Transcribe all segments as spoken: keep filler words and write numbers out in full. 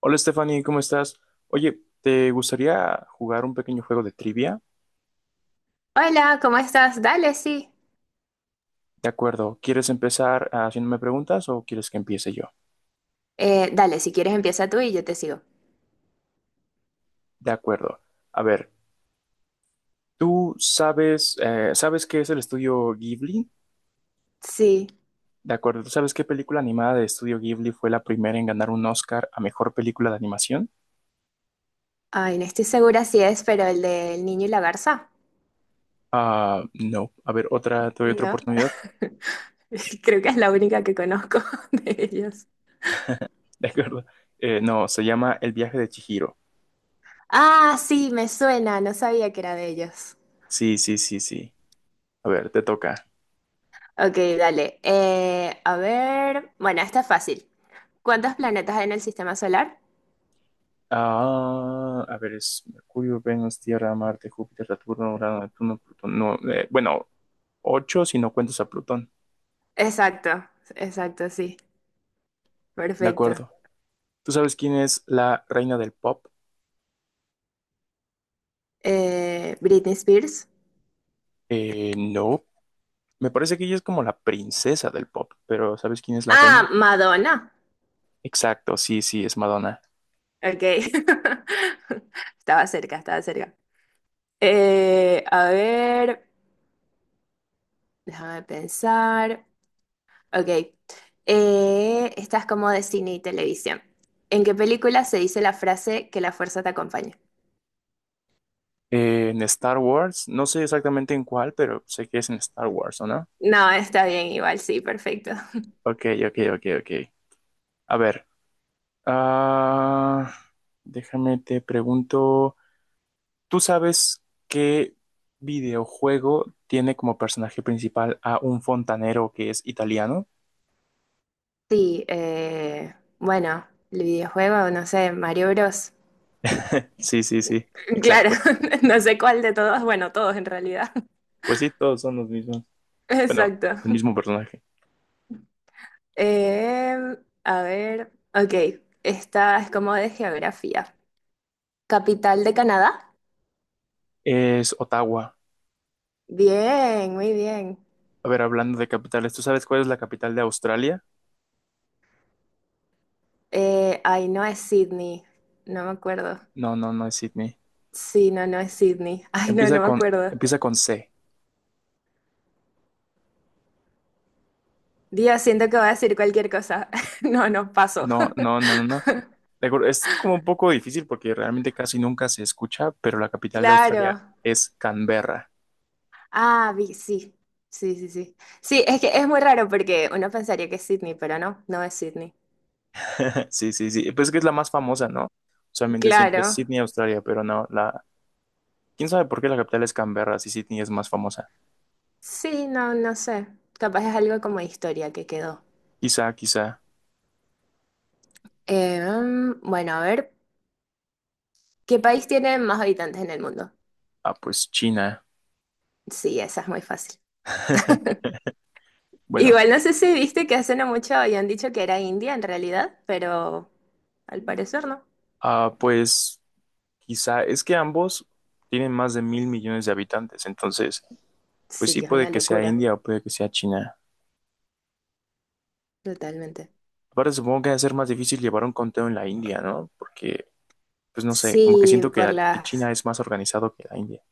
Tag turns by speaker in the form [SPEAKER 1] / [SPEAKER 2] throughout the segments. [SPEAKER 1] Hola Stephanie, ¿cómo estás? Oye, ¿te gustaría jugar un pequeño juego de trivia?
[SPEAKER 2] Hola, ¿cómo estás? Dale, sí.
[SPEAKER 1] De acuerdo, ¿quieres empezar haciéndome preguntas o quieres que empiece yo?
[SPEAKER 2] Eh, dale, si quieres empieza tú y yo te sigo.
[SPEAKER 1] De acuerdo. A ver, ¿tú sabes, eh, sabes qué es el estudio Ghibli?
[SPEAKER 2] Sí.
[SPEAKER 1] De acuerdo, ¿tú sabes qué película animada de estudio Ghibli fue la primera en ganar un Oscar a mejor película de animación?
[SPEAKER 2] Ay, no estoy segura si es, pero el del niño y la garza.
[SPEAKER 1] Ah, no. A ver, otra, te doy otra
[SPEAKER 2] No.
[SPEAKER 1] oportunidad.
[SPEAKER 2] Creo que es la única que conozco de ellos.
[SPEAKER 1] De acuerdo. Eh, no, se llama El viaje de Chihiro.
[SPEAKER 2] Ah, sí, me suena, no sabía que era de ellos.
[SPEAKER 1] Sí, sí, sí, sí. A ver, te toca.
[SPEAKER 2] Ok, dale. Eh, a ver. Bueno, esta es fácil. ¿Cuántos planetas hay en el sistema solar?
[SPEAKER 1] Ah, a ver, es Mercurio, Venus, Tierra, Marte, Júpiter, Saturno, Urano, Neptuno, Plutón. No, eh, bueno, ocho si no cuentas a Plutón.
[SPEAKER 2] Exacto, exacto, sí.
[SPEAKER 1] De
[SPEAKER 2] Perfecto.
[SPEAKER 1] acuerdo. ¿Tú sabes quién es la reina del pop?
[SPEAKER 2] Eh, Britney Spears.
[SPEAKER 1] Eh, no. Me parece que ella es como la princesa del pop, pero ¿sabes quién es la reina?
[SPEAKER 2] Ah, Madonna.
[SPEAKER 1] Exacto, sí, sí, es Madonna.
[SPEAKER 2] Ok. Estaba cerca, estaba cerca. Eh, a ver, déjame pensar. Ok. Eh, esta es como de cine y televisión. ¿En qué película se dice la frase que la fuerza te acompaña?
[SPEAKER 1] Eh, en Star Wars, no sé exactamente en cuál, pero sé que es en Star Wars, ¿o no?
[SPEAKER 2] No, está bien, igual, sí, perfecto.
[SPEAKER 1] Ok, ok, ok, ok. A ver, ah, déjame te pregunto. ¿Tú sabes qué videojuego tiene como personaje principal a un fontanero que es italiano?
[SPEAKER 2] Sí, eh, bueno, el videojuego, no sé, Mario Bros.
[SPEAKER 1] Sí, sí, sí,
[SPEAKER 2] Claro,
[SPEAKER 1] exacto.
[SPEAKER 2] no sé cuál de todos, bueno, todos en realidad.
[SPEAKER 1] Pues sí, todos son los mismos. Bueno,
[SPEAKER 2] Exacto.
[SPEAKER 1] el mismo personaje.
[SPEAKER 2] Em, a ver, ok, esta es como de geografía. Capital de Canadá.
[SPEAKER 1] Es Ottawa.
[SPEAKER 2] Bien, muy bien.
[SPEAKER 1] A ver, hablando de capitales, ¿tú sabes cuál es la capital de Australia?
[SPEAKER 2] Eh, ay, no es Sydney, no me acuerdo.
[SPEAKER 1] No, no, no es Sydney.
[SPEAKER 2] Sí, no, no es Sydney. Ay, no,
[SPEAKER 1] Empieza
[SPEAKER 2] no me
[SPEAKER 1] con,
[SPEAKER 2] acuerdo.
[SPEAKER 1] empieza con C.
[SPEAKER 2] Dios, siento que voy a decir cualquier cosa. No, no, paso.
[SPEAKER 1] No, no, no, no, no. De acuerdo, es como un poco difícil porque realmente casi nunca se escucha, pero la capital de Australia
[SPEAKER 2] Claro.
[SPEAKER 1] es Canberra.
[SPEAKER 2] Ah, vi- sí, sí, sí, sí. Sí, es que es muy raro porque uno pensaría que es Sydney, pero no, no es Sydney.
[SPEAKER 1] Sí, sí, sí. Pues es que es la más famosa, ¿no? Usualmente siempre es
[SPEAKER 2] Claro.
[SPEAKER 1] Sydney, Australia, pero no, la ¿quién sabe por qué la capital es Canberra si Sydney es más famosa?
[SPEAKER 2] Sí, no, no sé. Capaz es algo como de historia que quedó.
[SPEAKER 1] Quizá, quizá.
[SPEAKER 2] Eh, mm, bueno, a ver, ¿qué país tiene más habitantes en el mundo?
[SPEAKER 1] Ah, pues China.
[SPEAKER 2] Sí, esa es muy fácil.
[SPEAKER 1] Bueno,
[SPEAKER 2] Igual no sé si viste que hace no mucho habían dicho que era India en realidad, pero al parecer no.
[SPEAKER 1] ah, pues quizá. Es que ambos tienen más de mil millones de habitantes, entonces, pues
[SPEAKER 2] Sí,
[SPEAKER 1] sí,
[SPEAKER 2] que es una
[SPEAKER 1] puede que sea
[SPEAKER 2] locura,
[SPEAKER 1] India o puede que sea China.
[SPEAKER 2] totalmente.
[SPEAKER 1] Aparte, supongo que va a ser más difícil llevar un conteo en la India, ¿no? Porque, pues no sé, como que
[SPEAKER 2] Sí,
[SPEAKER 1] siento
[SPEAKER 2] por
[SPEAKER 1] que, que
[SPEAKER 2] las...
[SPEAKER 1] China es más organizado que la India.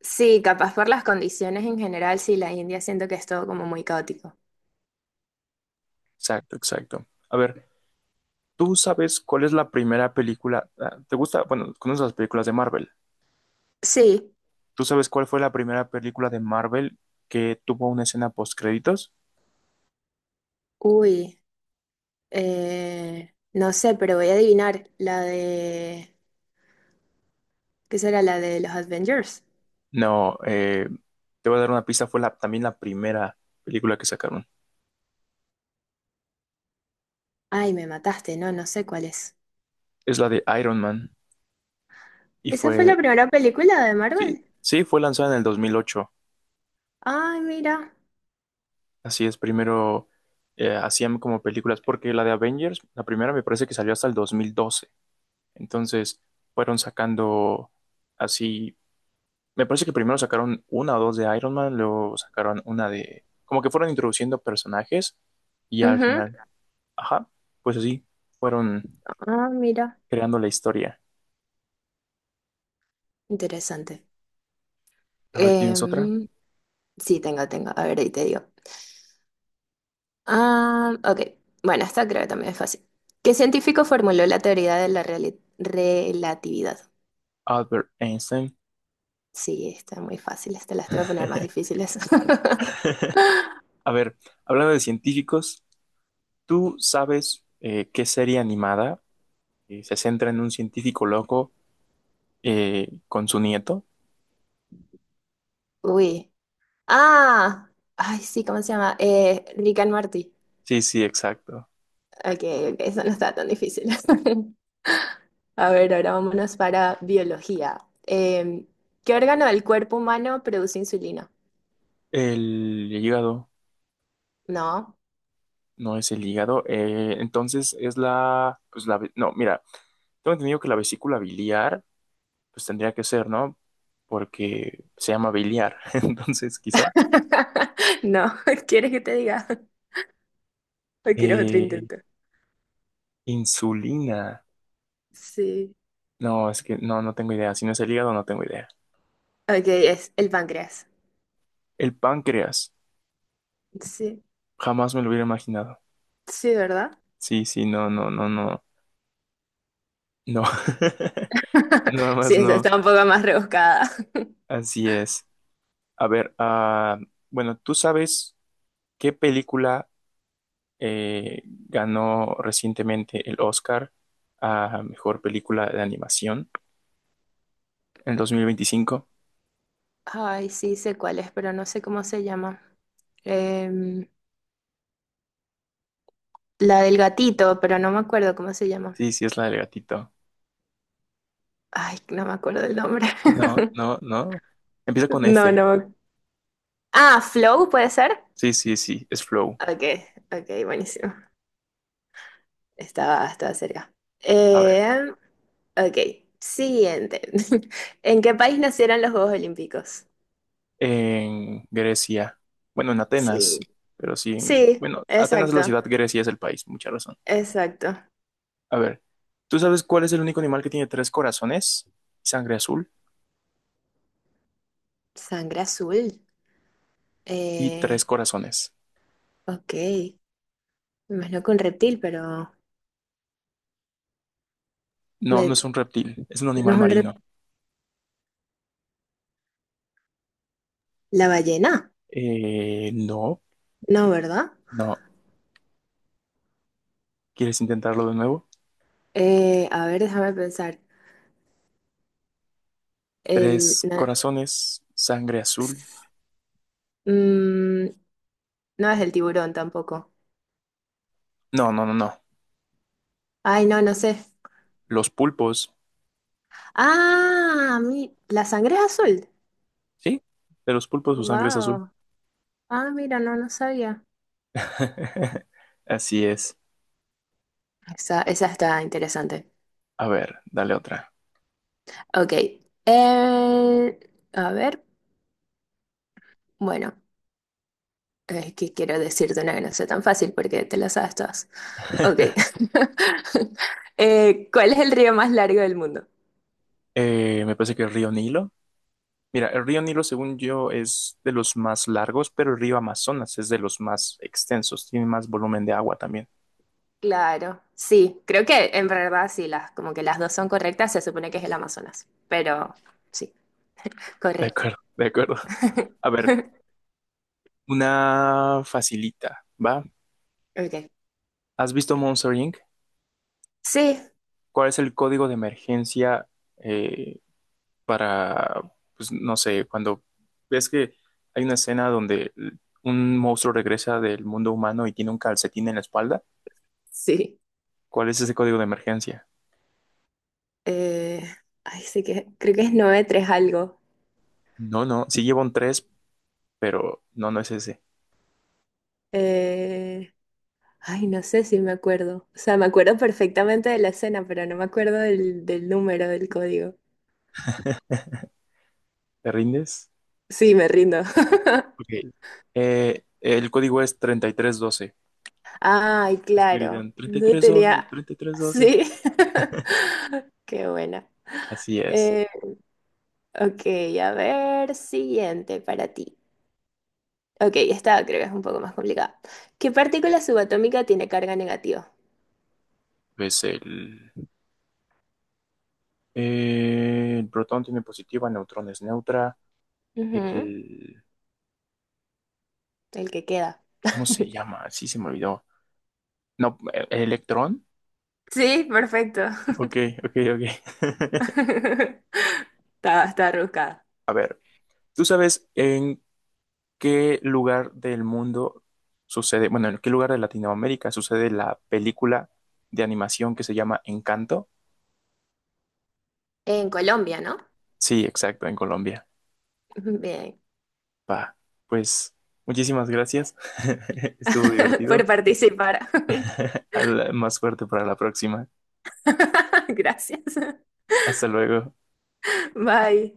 [SPEAKER 2] Sí, capaz por las condiciones en general, sí, la India siento que es todo como muy caótico.
[SPEAKER 1] Exacto, exacto. A ver, ¿tú sabes cuál es la primera película? Ah, ¿te gusta? Bueno, conoces las películas de Marvel.
[SPEAKER 2] Sí,
[SPEAKER 1] ¿Tú sabes cuál fue la primera película de Marvel que tuvo una escena post créditos?
[SPEAKER 2] uy, eh, no sé, pero voy a adivinar la de... ¿Qué será la de los Avengers?
[SPEAKER 1] No, eh, te voy a dar una pista. Fue la, también la primera película que sacaron.
[SPEAKER 2] Ay, me mataste, no, no sé cuál es.
[SPEAKER 1] Es la de Iron Man y
[SPEAKER 2] ¿Esa fue la
[SPEAKER 1] fue,
[SPEAKER 2] primera película de
[SPEAKER 1] sí,
[SPEAKER 2] Marvel?
[SPEAKER 1] sí, fue lanzada en el dos mil ocho.
[SPEAKER 2] Ay, mira.
[SPEAKER 1] Así es, primero eh, hacían como películas porque la de Avengers, la primera me parece que salió hasta el dos mil doce. Entonces fueron sacando así. Me parece que primero sacaron una o dos de Iron Man, luego sacaron una de… Como que fueron introduciendo personajes y al
[SPEAKER 2] Ujú.
[SPEAKER 1] final, ajá, pues así, fueron
[SPEAKER 2] Ah, mira.
[SPEAKER 1] creando la historia.
[SPEAKER 2] Interesante.
[SPEAKER 1] A ver, ¿tienes
[SPEAKER 2] Em,
[SPEAKER 1] otra?
[SPEAKER 2] sí, tengo, tengo. A ver, ahí te digo. Ah, ok. Bueno, esta creo que también es fácil. ¿Qué científico formuló la teoría de la reali- relatividad?
[SPEAKER 1] Albert Einstein.
[SPEAKER 2] Sí, está muy fácil. Te las te voy a poner más difíciles.
[SPEAKER 1] A ver, hablando de científicos, ¿tú sabes eh, qué serie animada eh, se centra en un científico loco eh, con su nieto?
[SPEAKER 2] Uy. Ah. Ay, sí, ¿cómo se llama? Eh, Rick and Morty.
[SPEAKER 1] Sí, sí, exacto.
[SPEAKER 2] Ok, ok, eso no está tan difícil. A ver, ahora vámonos para biología. Em, ¿Qué órgano del cuerpo humano produce insulina?
[SPEAKER 1] El hígado,
[SPEAKER 2] No.
[SPEAKER 1] no es el hígado. Eh, entonces es la, pues la, no, mira, tengo entendido que la vesícula biliar, pues tendría que ser, ¿no? Porque se llama biliar. Entonces, quizá.
[SPEAKER 2] No, ¿quieres que te diga? ¿O quieres otro
[SPEAKER 1] Eh,
[SPEAKER 2] intento?
[SPEAKER 1] insulina.
[SPEAKER 2] Sí.
[SPEAKER 1] No, es que no, no tengo idea. Si no es el hígado, no tengo idea.
[SPEAKER 2] Ok, es el páncreas.
[SPEAKER 1] El páncreas.
[SPEAKER 2] Sí,
[SPEAKER 1] Jamás me lo hubiera imaginado.
[SPEAKER 2] sí, ¿verdad?
[SPEAKER 1] Sí, sí, no, no, no, no. No. Nada
[SPEAKER 2] Sí,
[SPEAKER 1] más
[SPEAKER 2] esa
[SPEAKER 1] no.
[SPEAKER 2] está un poco más rebuscada.
[SPEAKER 1] Así es. A ver, ah, bueno, ¿tú sabes qué película eh, ganó recientemente el Oscar a mejor película de animación en el dos mil veinticinco?
[SPEAKER 2] Ay, sí, sé cuál es, pero no sé cómo se llama. Em, la del gatito, pero no me acuerdo cómo se llama.
[SPEAKER 1] Sí, sí, es la del gatito.
[SPEAKER 2] Ay, no me acuerdo el nombre.
[SPEAKER 1] No, no, no. Empieza con
[SPEAKER 2] No,
[SPEAKER 1] F.
[SPEAKER 2] no. me Ah, Flow, ¿puede ser?
[SPEAKER 1] Sí, sí, sí, es Flow.
[SPEAKER 2] Ok, ok, buenísimo. Estaba, estaba cerca.
[SPEAKER 1] A ver,
[SPEAKER 2] Eh, ok, siguiente. ¿En qué país nacieron los Juegos Olímpicos?
[SPEAKER 1] en Grecia. Bueno, en
[SPEAKER 2] Sí.
[SPEAKER 1] Atenas, pero sí, en-
[SPEAKER 2] Sí,
[SPEAKER 1] bueno, Atenas es la ciudad,
[SPEAKER 2] exacto,
[SPEAKER 1] Grecia es el país, mucha razón.
[SPEAKER 2] exacto.
[SPEAKER 1] A ver, ¿tú sabes cuál es el único animal que tiene tres corazones, sangre azul
[SPEAKER 2] Sangre azul.
[SPEAKER 1] y
[SPEAKER 2] Eh,
[SPEAKER 1] tres corazones?
[SPEAKER 2] ok, me imagino que un reptil, pero
[SPEAKER 1] No, no
[SPEAKER 2] me-
[SPEAKER 1] es un reptil, es un
[SPEAKER 2] no
[SPEAKER 1] animal
[SPEAKER 2] es un
[SPEAKER 1] marino.
[SPEAKER 2] reptil. La ballena,
[SPEAKER 1] Eh, no,
[SPEAKER 2] no, ¿verdad?
[SPEAKER 1] no. ¿Quieres intentarlo de nuevo?
[SPEAKER 2] Eh, a ver, déjame pensar. El,
[SPEAKER 1] Tres
[SPEAKER 2] na-
[SPEAKER 1] corazones, sangre azul.
[SPEAKER 2] mm, no es el tiburón tampoco.
[SPEAKER 1] No, no, no, no.
[SPEAKER 2] Ay, no, no sé.
[SPEAKER 1] Los pulpos,
[SPEAKER 2] Ah, mi- la sangre es azul.
[SPEAKER 1] ¿sí? De los pulpos su sangre es azul.
[SPEAKER 2] Wow. Ah, mira, no, no sabía.
[SPEAKER 1] Así es.
[SPEAKER 2] Esa, esa está interesante.
[SPEAKER 1] A ver, dale otra.
[SPEAKER 2] Ok. eh, a ver, bueno, es que quiero decirte una que no sea tan fácil porque te la sabes todas. Ok. Eh, ¿cuál es el río más largo del mundo?
[SPEAKER 1] Eh, me parece que el río Nilo. Mira, el río Nilo, según yo, es de los más largos, pero el río Amazonas es de los más extensos, tiene más volumen de agua también.
[SPEAKER 2] Claro, sí, creo que en verdad sí, las, como que las dos son correctas, se supone que es el Amazonas, pero sí,
[SPEAKER 1] De
[SPEAKER 2] correcto.
[SPEAKER 1] acuerdo, de acuerdo. A ver, una facilita, ¿va?
[SPEAKER 2] Ok.
[SPEAKER 1] ¿Has visto Monster Inc?
[SPEAKER 2] Sí,
[SPEAKER 1] ¿Cuál es el código de emergencia eh, para, pues no sé, cuando ves que hay una escena donde un monstruo regresa del mundo humano y tiene un calcetín en la espalda,
[SPEAKER 2] sí.
[SPEAKER 1] cuál es ese código de emergencia?
[SPEAKER 2] Eh, Ay, sí que creo que es nueve tres algo.
[SPEAKER 1] No, no, sí lleva un tres, pero no, no es ese.
[SPEAKER 2] Eh, Ay, no sé si me acuerdo. O sea, me acuerdo perfectamente de la escena, pero no me acuerdo del, del número del código.
[SPEAKER 1] ¿Te rindes?
[SPEAKER 2] Sí, me rindo.
[SPEAKER 1] Ok. Eh, el código es treinta y tres doce.
[SPEAKER 2] Ay, claro.
[SPEAKER 1] Escribirán treinta y
[SPEAKER 2] No
[SPEAKER 1] tres doce,
[SPEAKER 2] tenía.
[SPEAKER 1] treinta y tres doce.
[SPEAKER 2] Sí. Qué buena.
[SPEAKER 1] Así es.
[SPEAKER 2] Eh, ok, a ver, siguiente para ti. Ok, esta creo que es un poco más complicada. ¿Qué partícula subatómica tiene carga negativa?
[SPEAKER 1] Pues el, eh, el protón tiene positiva, neutrón es neutra.
[SPEAKER 2] Ujú,
[SPEAKER 1] El,
[SPEAKER 2] el que queda.
[SPEAKER 1] ¿cómo se llama? Sí, se me olvidó. No, ¿e- ¿electrón?
[SPEAKER 2] Sí, perfecto.
[SPEAKER 1] Ok, ok, ok.
[SPEAKER 2] Está, está rebuscada.
[SPEAKER 1] A ver, ¿tú sabes en qué lugar del mundo sucede, bueno, en qué lugar de Latinoamérica sucede la película de animación que se llama Encanto?
[SPEAKER 2] En Colombia, ¿no?
[SPEAKER 1] Sí, exacto, en Colombia.
[SPEAKER 2] Bien.
[SPEAKER 1] Pa, pues muchísimas gracias. Estuvo
[SPEAKER 2] Por
[SPEAKER 1] divertido.
[SPEAKER 2] participar.
[SPEAKER 1] Al- más suerte para la próxima.
[SPEAKER 2] Gracias.
[SPEAKER 1] Hasta luego.
[SPEAKER 2] Bye.